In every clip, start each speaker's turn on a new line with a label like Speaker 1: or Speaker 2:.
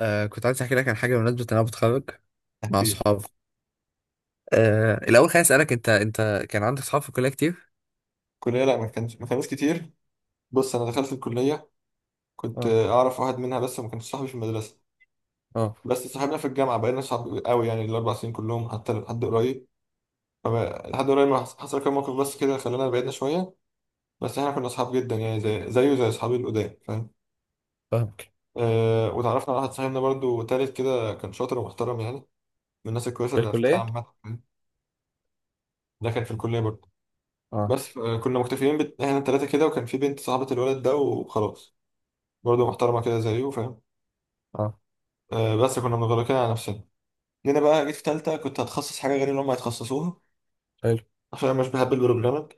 Speaker 1: كنت عايز احكي لك عن حاجه بمناسبه ان انا بتخرج مع
Speaker 2: أكيد.
Speaker 1: اصحابي. الاول خليني اسالك، انت كان عندك اصحاب في الكليه كتير؟
Speaker 2: الكلية لا، ما كانش، ما كانوش كتير. بص أنا دخلت الكلية كنت
Speaker 1: اه.
Speaker 2: أعرف واحد منها بس وما كانش صاحبي في المدرسة.
Speaker 1: اه.
Speaker 2: بس صاحبنا في الجامعة، بقينا صحاب قوي يعني الأربع سنين كلهم حتى لحد قريب. لحد قريب ما حص- حصل كام موقف بس كده خلانا بعدنا شوية. بس إحنا كنا صحاب جدا يعني زي زيه زي أصحابي القدام، فاهم؟
Speaker 1: فاهمك.
Speaker 2: أه، وتعرفنا على واحد صاحبنا برضو تالت كده، كان شاطر ومحترم يعني من الناس الكويسة
Speaker 1: في
Speaker 2: اللي عرفتها
Speaker 1: الكلية؟
Speaker 2: عامة، فاهم؟ ده كان في الكلية برضو.
Speaker 1: اه.
Speaker 2: بس كنا مكتفيين إحنا التلاتة كده، وكان في بنت صاحبة الولد ده وخلاص، برضه محترمة كده زيه، فاهم؟
Speaker 1: اه.
Speaker 2: بس كنا مغلقين على نفسنا. جينا بقى، جيت في تالتة كنت هتخصص حاجة غير اللي هم هيتخصصوها
Speaker 1: حلو.
Speaker 2: عشان أنا مش بحب البروجرامنج.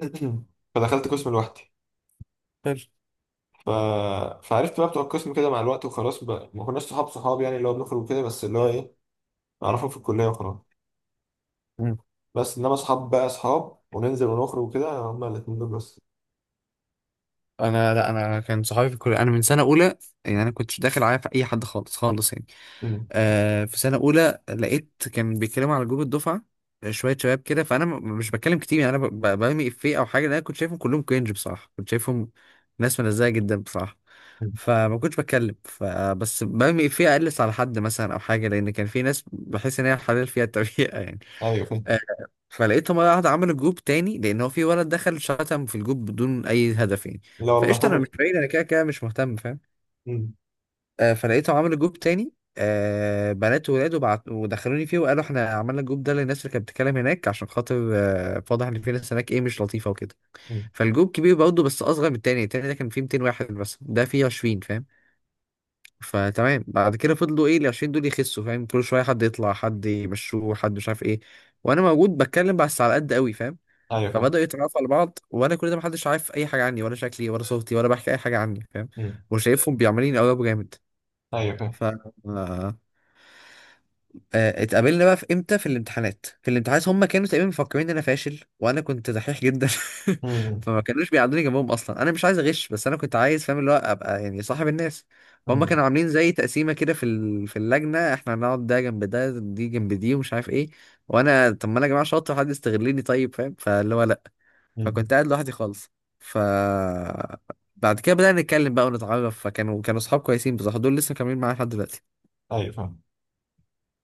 Speaker 2: فدخلت قسم لوحدي.
Speaker 1: حلو.
Speaker 2: ف... فعرفت بقى بتوع القسم كده مع الوقت، وخلاص بقى ما كناش صحاب صحاب يعني اللي هو بنخرج وكده، بس اللي هو إيه، نعرفهم في الكلية وخلاص.
Speaker 1: مم.
Speaker 2: بس إنما صحاب بقى صحاب وننزل ونخرج وكده، هما الاتنين دول بس.
Speaker 1: انا، لا انا كان صحابي في الكليه انا من سنه اولى، يعني انا كنتش داخل عارف اي حد خالص خالص يعني.
Speaker 2: مم.
Speaker 1: آه، في سنة أولى لقيت كان بيتكلموا على جروب الدفعة، شوية شباب كده، فأنا مش بتكلم كتير يعني، أنا برمي إفيه أو حاجة، لأن أنا كنت شايفهم كلهم كرنج بصراحة، كنت شايفهم ناس منزهة جدا بصراحة.
Speaker 2: مم.
Speaker 1: فما كنتش بتكلم، فبس برمي إفيه أقلص على حد مثلا أو حاجة، لأن كان في ناس بحس إن هي حلال فيها التريقة يعني.
Speaker 2: أيوه فاهم.
Speaker 1: آه، فلقيتهم مرة واحدة عملوا جروب تاني، لأن هو في ولد دخل شتم في الجروب بدون أي هدف يعني.
Speaker 2: لا والله.
Speaker 1: فقشطة، أنا مش بعيد، أنا كده كده مش مهتم فاهم.
Speaker 2: مم.
Speaker 1: فلقيته عامل جروب تاني، بنات وولاد، وبعت ودخلوني فيه، وقالوا احنا عملنا الجروب ده للناس اللي كانت بتتكلم هناك، عشان خاطر واضح ان في ناس هناك ايه مش لطيفه وكده.
Speaker 2: مم.
Speaker 1: فالجروب كبير برضه بس اصغر من التاني. التاني ده كان فيه 200 واحد، بس ده فيه 20 فاهم. فتمام، بعد كده فضلوا ايه ال 20 دول يخسوا فاهم، كل شويه حد يطلع، حد يمشوه، حد مش عارف ايه. وانا موجود بتكلم بس على قد قوي فاهم.
Speaker 2: أيوه فاهم.
Speaker 1: فبدأوا يتعرفوا على بعض، وانا كل ده محدش عارف اي حاجه عني، ولا شكلي ولا صوتي ولا بحكي اي حاجه عني فاهم.
Speaker 2: مم.
Speaker 1: وشايفهم بيعملين قلب جامد.
Speaker 2: أيوه فاهم.
Speaker 1: ف آه، اتقابلنا بقى في امتى، في الامتحانات. في الامتحانات هم كانوا تقريبا مفكرين ان انا فاشل، وانا كنت دحيح جدا
Speaker 2: مم.
Speaker 1: فما كانوش بيقعدوني جنبهم، اصلا انا مش عايز اغش، بس انا كنت عايز فاهم اللي هو ابقى يعني صاحب الناس. فهم
Speaker 2: مم.
Speaker 1: كانوا عاملين زي تقسيمه كده في في اللجنه، احنا هنقعد ده جنب ده، دي جنب دي، ومش عارف ايه. وانا طب ما انا يا جماعه شاطر، حد يستغلني طيب فاهم، فاللي هو لا.
Speaker 2: مم.
Speaker 1: فكنت قاعد لوحدي خالص. ف بعد كده بدأنا نتكلم بقى ونتعرف، فكانوا اصحاب كويسين بصراحه، دول لسه كاملين معايا لحد دلوقتي.
Speaker 2: أيوه فاهم.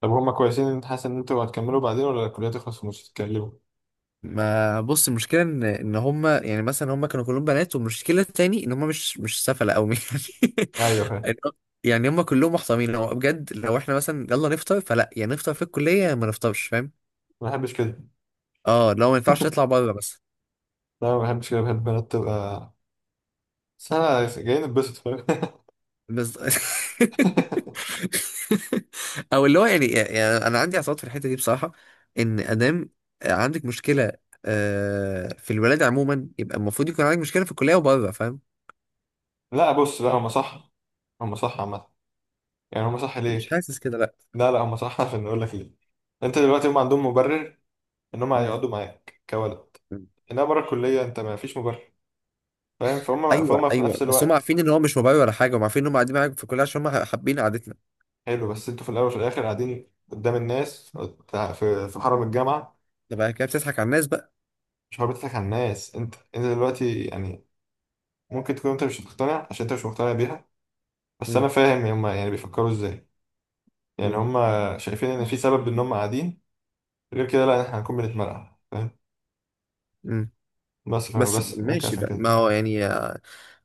Speaker 2: طب هما كويسين إن انت حاسس ان انتوا هتكملوا بعدين، ولا الكلية تخلص ومش تتكلموا؟
Speaker 1: ما بص، المشكله ان هم يعني مثلا هم كانوا كلهم بنات، والمشكله التاني ان هم مش سفله قوي
Speaker 2: ايوه فاهم.
Speaker 1: يعني. يعني هم كلهم محترمين هو بجد. لو احنا مثلا يلا نفطر، فلا يعني نفطر في الكليه، يا ما نفطرش فاهم.
Speaker 2: ما بحبش كده.
Speaker 1: اه، لو ما ينفعش نطلع بره بس.
Speaker 2: لا ما بحبش كده، بحب البنات تبقى، بس انا جايين نتبسط، فاهم؟
Speaker 1: بس او اللي هو يعني، انا عندي اعتراض في الحته دي بصراحه. ان ادام عندك مشكله في الولاده عموما، يبقى المفروض يكون عندك مشكله في الكليه وبره فاهم.
Speaker 2: لا بص، لا هما صح. هما صح عامة. يعني هما صح
Speaker 1: مش
Speaker 2: ليه؟
Speaker 1: حاسس كده لا.
Speaker 2: لا لا هما صح. عشان اقول لك ليه. انت دلوقتي هما عندهم مبرر ان هما هيقعدوا معاك كولد،
Speaker 1: مم.
Speaker 2: انما بره الكلية انت ما فيش مبرر. فاهم؟ فهم
Speaker 1: ايوه
Speaker 2: فهم في
Speaker 1: ايوه،
Speaker 2: نفس
Speaker 1: بس هم
Speaker 2: الوقت.
Speaker 1: عارفين ان هو مش موبايل ولا حاجه، هم عارفين ان هم قاعدين معاك في الكليه عشان هم حابين قعدتنا.
Speaker 2: حلو، بس انتوا في الاول وفي الاخر قاعدين قدام الناس، في حرم الجامعة.
Speaker 1: ده بقى كده بتضحك على الناس بقى.
Speaker 2: مش هو بتضحك على الناس، انت انت دلوقتي يعني ممكن تكون انت مش مقتنع عشان انت مش مقتنع بيها، بس
Speaker 1: مم.
Speaker 2: انا فاهم هما يعني بيفكروا ازاي. يعني
Speaker 1: مم.
Speaker 2: هما شايفين ان في سبب ان هما قاعدين، غير كده لا احنا هنكون بنتمرقع، فاهم؟
Speaker 1: مم.
Speaker 2: بس فاهم،
Speaker 1: بس
Speaker 2: بس ممكن
Speaker 1: ماشي
Speaker 2: عشان
Speaker 1: بقى،
Speaker 2: كده.
Speaker 1: ما هو يعني،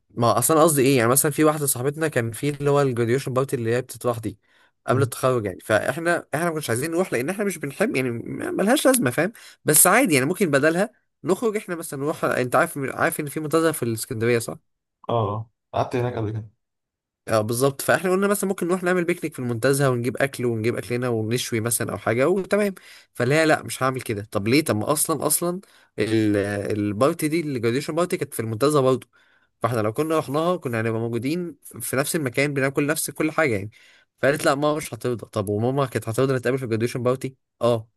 Speaker 1: ما هو اصلا، قصدي ايه، يعني مثلا في واحده صاحبتنا كان في اللي هو الجراديويشن بارتي اللي هي بتتراح دي قبل
Speaker 2: مم.
Speaker 1: التخرج يعني، فاحنا احنا ما كناش عايزين نروح، لان احنا مش بنحب يعني، ملهاش لازمه فاهم. بس عادي يعني ممكن بدلها نخرج احنا مثلا نروح. انت عارف ان في منتزه في الاسكندريه صح؟
Speaker 2: اه قعدت هناك قبل كده.
Speaker 1: اه بالظبط. فاحنا قلنا مثلا ممكن نروح نعمل بيكنيك في المنتزه ونجيب اكل، ونجيب اكلنا ونشوي مثلا او حاجه، وتمام. فلا لا مش هعمل كده، طب ليه؟ طب ما اصلا اصلا ال- البارتي دي الجراديشن بارتي كانت في المنتزه برضه، فاحنا لو كنا رحناها كنا هنبقى موجودين في نفس المكان، بناكل نفس كل حاجه يعني. فقالت لا ماما مش هترضى. طب وماما كانت هترضى نتقابل في الجراديشن بارتي؟ اه.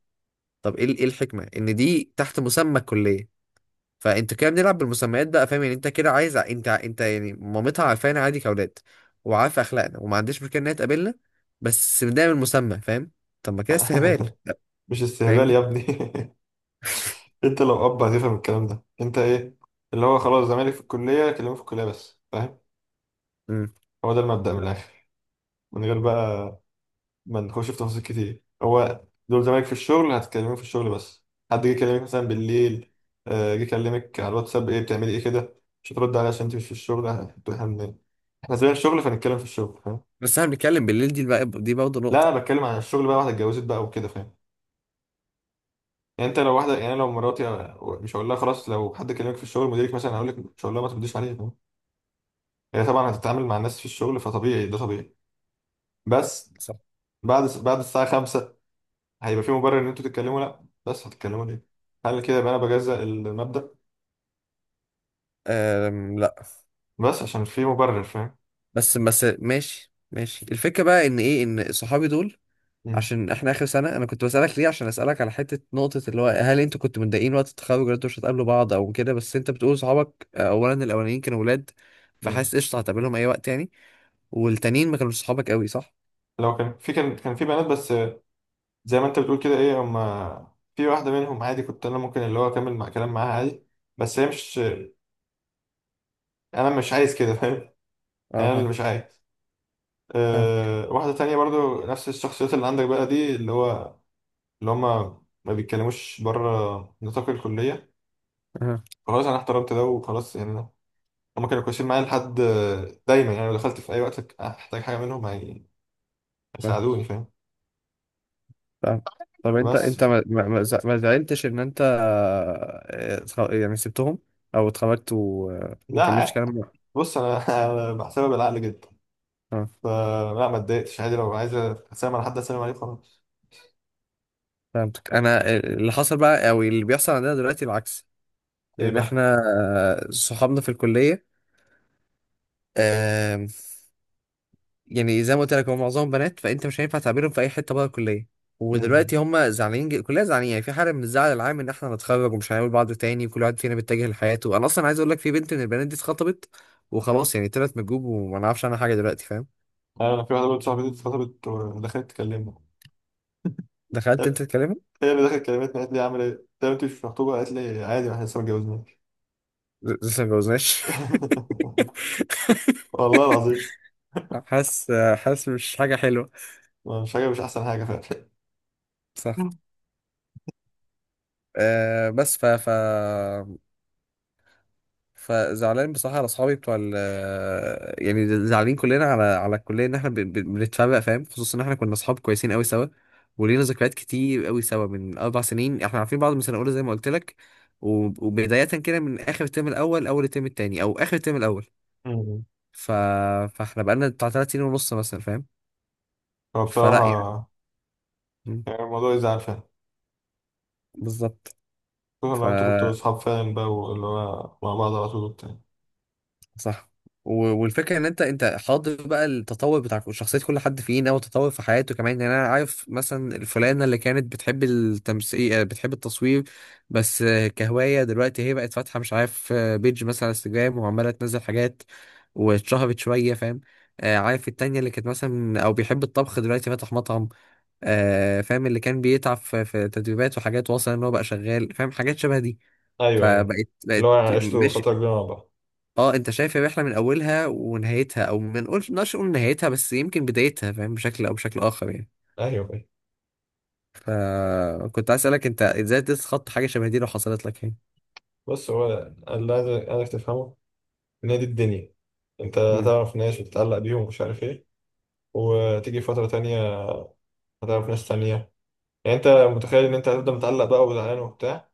Speaker 1: طب ايه ايه الحكمه ان دي تحت مسمى الكليه؟ فانت كده بنلعب بالمسميات بقى فاهم، يعني انت كده عايز انت انت يعني، مامتها عارفانا عادي كاولاد، وعارفه اخلاقنا وما عندهاش مشكله ان هي تقابلنا، بس بنعمل مسمى فاهم. طب ما كده استهبال.
Speaker 2: مش استهبال يا
Speaker 1: فاهمني.
Speaker 2: ابني. انت لو اب هتفهم الكلام ده. انت ايه اللي هو خلاص، زمالك في الكليه، كلمه في الكليه بس، فاهم؟
Speaker 1: امم.
Speaker 2: هو ده المبدأ من الاخر، من غير بقى ما نخش في تفاصيل كتير. هو دول زمايلك في الشغل، هتكلموك في الشغل بس. حد جه يكلمك مثلا بالليل، جه يكلمك على الواتساب، ايه بتعملي ايه كده؟ مش هترد عليه عشان انت مش في الشغل. انتوا احنا احنا زي الشغل فنتكلم في الشغل، فاهم؟
Speaker 1: بس احنا بنتكلم بالليل، دي بقى دي برضه
Speaker 2: لا
Speaker 1: نقطه.
Speaker 2: انا بتكلم عن الشغل بقى، واحده اتجوزت بقى وكده، فاهم؟ يعني انت لو واحده، يعني أنا لو مراتي، مش هقول لها خلاص لو حد كلمك في الشغل مديرك مثلا، هقول لك مش هقول لها ما ترديش عليه، فاهم؟ هي طبعا هتتعامل مع الناس في الشغل، فطبيعي، ده طبيعي. بس
Speaker 1: صح.
Speaker 2: بعد الساعه 5 هيبقى في مبرر ان انتوا تتكلموا؟ لا، بس هتتكلموا ليه؟ هل كده يبقى انا بجزأ المبدأ؟
Speaker 1: أم لا.
Speaker 2: بس عشان في مبرر، فاهم؟
Speaker 1: بس بس ماشي ماشي، الفكره بقى ان ايه، ان صحابي دول
Speaker 2: مم.
Speaker 1: عشان احنا اخر سنه، انا كنت بسالك ليه، عشان اسالك على حته نقطه اللي هو هل انتوا كنتوا متضايقين وقت التخرج ولا انتوا مش هتقابلوا بعض او كده؟ بس انت بتقول صحابك اولا الاولانيين كانوا ولاد،
Speaker 2: مم.
Speaker 1: فحاسس قشطه هتقابلهم اي وقت يعني. والتانيين ما كانوش صحابك قوي صح؟
Speaker 2: لو كان في، كان في بنات بس زي ما انت بتقول كده، ايه هم، في واحدة منهم عادي كنت انا ممكن اللي هو اكمل مع كلام معاها عادي. بس هي مش، انا مش عايز كده، فاهم؟
Speaker 1: اه
Speaker 2: انا
Speaker 1: فاهم.
Speaker 2: اللي مش عايز.
Speaker 1: فاهم.
Speaker 2: واحدة تانية برضو نفس الشخصيات اللي عندك بقى دي، اللي هو اللي هم ما بيتكلموش بره نطاق الكلية.
Speaker 1: آه،
Speaker 2: خلاص انا احترمت ده وخلاص يعني. هما كانوا كويسين معايا لحد دايما، يعني لو دخلت في اي وقت احتاج حاجه منهم
Speaker 1: فاهم.
Speaker 2: هيساعدوني، فاهم؟
Speaker 1: فاهم. طب انت
Speaker 2: بس
Speaker 1: انت ما زعلتش ان انت يعني سبتهم او اتخرجت و- وما كملتش
Speaker 2: لا،
Speaker 1: كلام؟
Speaker 2: بص انا أنا بحسبها بالعقل جدا.
Speaker 1: اه
Speaker 2: فلا، ما اتضايقتش عادي، لو عايز اسلم على حد اسلم عليه خلاص.
Speaker 1: فهمتك. انا اللي حصل بقى او اللي بيحصل عندنا دلوقتي العكس،
Speaker 2: ايه
Speaker 1: لان
Speaker 2: بقى؟
Speaker 1: احنا صحابنا في الكليه، آم، يعني زي ما قلت لك هم معظمهم بنات، فانت مش هينفع تعبيرهم في اي حته بره الكليه،
Speaker 2: امم،
Speaker 1: ودلوقتي هم زعلانين كلنا زعلانين يعني، في حاله من الزعل العام ان احنا هنتخرج ومش هنقابل بعض تاني، وكل واحد فينا بيتجه لحياته. انا اصلا عايز اقول لك في بنت من البنات دي اتخطبت وخلاص، يعني طلعت من الجروب وما نعرفش عنها حاجه دلوقتي فاهم.
Speaker 2: انا في واحده برضه صاحبتي اتخطبت ودخلت تكلمني.
Speaker 1: دخلت انت تكلمها؟
Speaker 2: هي اللي دخلت كلمتني، قالت لي عامل ايه؟ قلت لها انت مش مخطوبه؟ قالت لي عادي ما احنا لسه ما اتجوزناش.
Speaker 1: لسه ما اتجوزناش؟
Speaker 2: والله العظيم.
Speaker 1: حاسس. حاسس مش حاجه حلوه.
Speaker 2: مش حاجه، مش احسن حاجه فعلا.
Speaker 1: صح. أه بس ف ف فزعلان بصراحة على أصحابي بتوع ال، يعني زعلانين كلنا على على الكلية إن إحنا بنتفرق فاهم. خصوصا إن إحنا كنا أصحاب كويسين أوي سوا، ولينا ذكريات كتير أوي سوا من 4 سنين، إحنا عارفين بعض من سنة أولى زي ما قلت لك وبداية كده من آخر الترم الأول، أول الترم التاني أو آخر الترم الأول.
Speaker 2: أمم.
Speaker 1: ف... فإحنا بقالنا بتاع 3 سنين ونص مثلا فاهم.
Speaker 2: هو
Speaker 1: فلا يعني.
Speaker 2: بصراحه
Speaker 1: م،
Speaker 2: يعني الموضوع يزعل فعلا،
Speaker 1: بالظبط.
Speaker 2: خصوصا
Speaker 1: ف
Speaker 2: لو انتوا كنتوا اصحاب فعلا بقى واللي هو مع بعض على طول وبتاع.
Speaker 1: صح. والفكره ان انت انت حاضر بقى التطور بتاع شخصيه كل حد فينا، والتطور في حياته كمان يعني. انا عارف مثلا الفلانه اللي كانت بتحب التمثيل بتحب التصوير بس كهوايه، دلوقتي هي بقت فاتحه مش عارف بيج مثلا على انستجرام وعماله تنزل حاجات واتشهرت شويه فاهم. عارف التانية اللي كانت مثلا او بيحب الطبخ دلوقتي فاتح مطعم. فاهم اللي كان بيتعب في تدريبات وحاجات، واصل ان هو بقى شغال فاهم، حاجات شبه دي.
Speaker 2: ايوه ايوه،
Speaker 1: فبقت
Speaker 2: اللي
Speaker 1: بقت
Speaker 2: هو عشتوا فتره
Speaker 1: ماشي.
Speaker 2: كبيره مع بعض.
Speaker 1: اه انت شايف الرحله من اولها ونهايتها، او ما نقولش نقدرش نقول نهايتها، بس يمكن بدايتها فاهم، بشكل او بشكل اخر يعني.
Speaker 2: ايوه ايوه.
Speaker 1: فكنت عايز اسالك انت ازاي تتخطى حاجه شبه دي لو حصلت لك يعني.
Speaker 2: بص هو اللي عايزك تفهمه ان هي دي الدنيا. انت
Speaker 1: امم.
Speaker 2: هتعرف ناس وتتعلق بيهم ومش عارف ايه، وتيجي فتره تانية هتعرف ناس تانية. يعني انت متخيل ان انت هتفضل متعلق بقى وزعلان وبتاع؟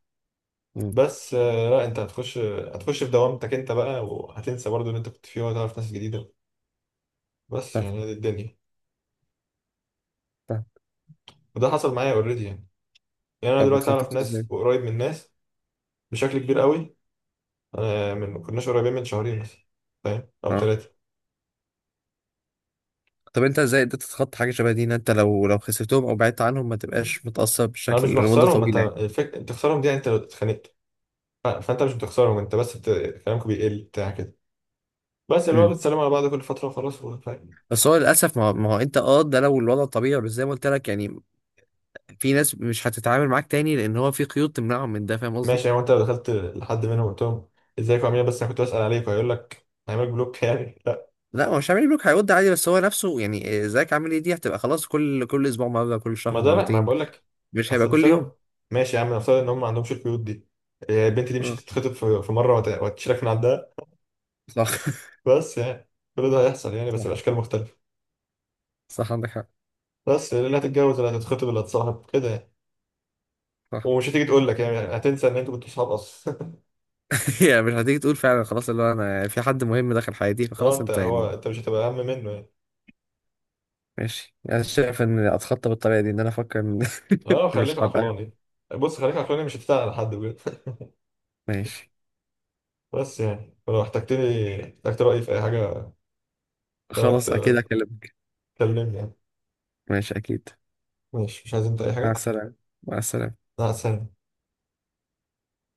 Speaker 1: امم.
Speaker 2: بس لا، انت هتخش، هتخش في دوامتك انت بقى، وهتنسى برضو اللي انت كنت فيه وهتعرف ناس جديدة. بس
Speaker 1: فاهم.
Speaker 2: يعني هي دي الدنيا.
Speaker 1: فاهم.
Speaker 2: وده حصل معايا اوريدي يعني. يعني انا
Speaker 1: طب
Speaker 2: دلوقتي اعرف
Speaker 1: اتخطيت ازاي؟
Speaker 2: ناس وقريب من ناس بشكل كبير قوي. انا من ما كناش قريبين من شهرين مثلا، فاهم، او
Speaker 1: اه.
Speaker 2: ثلاثه.
Speaker 1: طب انت ازاي قدرت تتخطى حاجه شبه دي، ان انت لو خسرتهم او بعدت عنهم ما تبقاش متاثر
Speaker 2: انا
Speaker 1: بالشكل
Speaker 2: مش
Speaker 1: لمده
Speaker 2: بخسرهم، انت
Speaker 1: طويله يعني.
Speaker 2: تخسرهم دي يعني انت لو اتخانقت. فانت مش بتخسرهم، انت بس كلامك بيقل بتاع كده. بس اللي هو
Speaker 1: امم.
Speaker 2: بتسلموا على بعض كل فتره وخلاص فاهم؟
Speaker 1: بس هو للاسف، ما هو انت اه ده لو الوضع طبيعي، بس زي ما قلت لك يعني في ناس مش هتتعامل معاك تاني لان هو في قيود تمنعهم من ده فاهم قصدي.
Speaker 2: ماشي يعني انت لو دخلت لحد منهم قلت لهم ازيكم عاملين إيه؟ بس انا كنت بسال عليكم، هيقول لك هيعملك بلوك؟ يعني لا.
Speaker 1: لا هو مش عامل بلوك، هيود عادي، بس هو نفسه يعني ازيك عامل ايه دي هتبقى خلاص، كل اسبوع مره، كل
Speaker 2: ما
Speaker 1: شهر
Speaker 2: ده بقى ما
Speaker 1: مرتين،
Speaker 2: بقول لك.
Speaker 1: مش هيبقى
Speaker 2: اصل
Speaker 1: كل يوم.
Speaker 2: مثلا، ماشي يا عم نفترض ان هم ما عندهمش القيود دي، إيه، البنت دي مش
Speaker 1: اه.
Speaker 2: هتتخطب في مره وهتشيلك من عندها.
Speaker 1: صح
Speaker 2: بس يعني كل ده هيحصل يعني، بس
Speaker 1: صح.
Speaker 2: الاشكال مختلفه.
Speaker 1: صح عندك حق.
Speaker 2: بس اللي هتتجوز اللي هتتخطب اللي هتصاحب كده يعني.
Speaker 1: صح
Speaker 2: ومش هتيجي تقول لك يعني، هتنسى ان انتوا كنتوا صحاب اصلا.
Speaker 1: يعني مش هتيجي تقول فعلا خلاص اللي هو انا في حد مهم دخل حياتي
Speaker 2: اه
Speaker 1: فخلاص
Speaker 2: انت
Speaker 1: انت يعني.
Speaker 2: هو، انت مش هتبقى اهم منه يعني.
Speaker 1: ماشي، انا شايف ان اتخطى بالطريقه دي ان انا افكر إن
Speaker 2: اه خليك
Speaker 1: مش هبقى.
Speaker 2: عقلاني. بص خليك عقلاني مش هتزعل على حد بجد.
Speaker 1: ماشي.
Speaker 2: بس يعني ولو احتجتني، احتجت رأيي في اي حاجة، في وقت،
Speaker 1: خلاص اكيد اكلمك.
Speaker 2: كلمني يعني.
Speaker 1: ماشي اكيد.
Speaker 2: ماشي. مش عايز انت اي
Speaker 1: مع
Speaker 2: حاجة؟
Speaker 1: السلامه. مع السلامه.
Speaker 2: مع السلامة.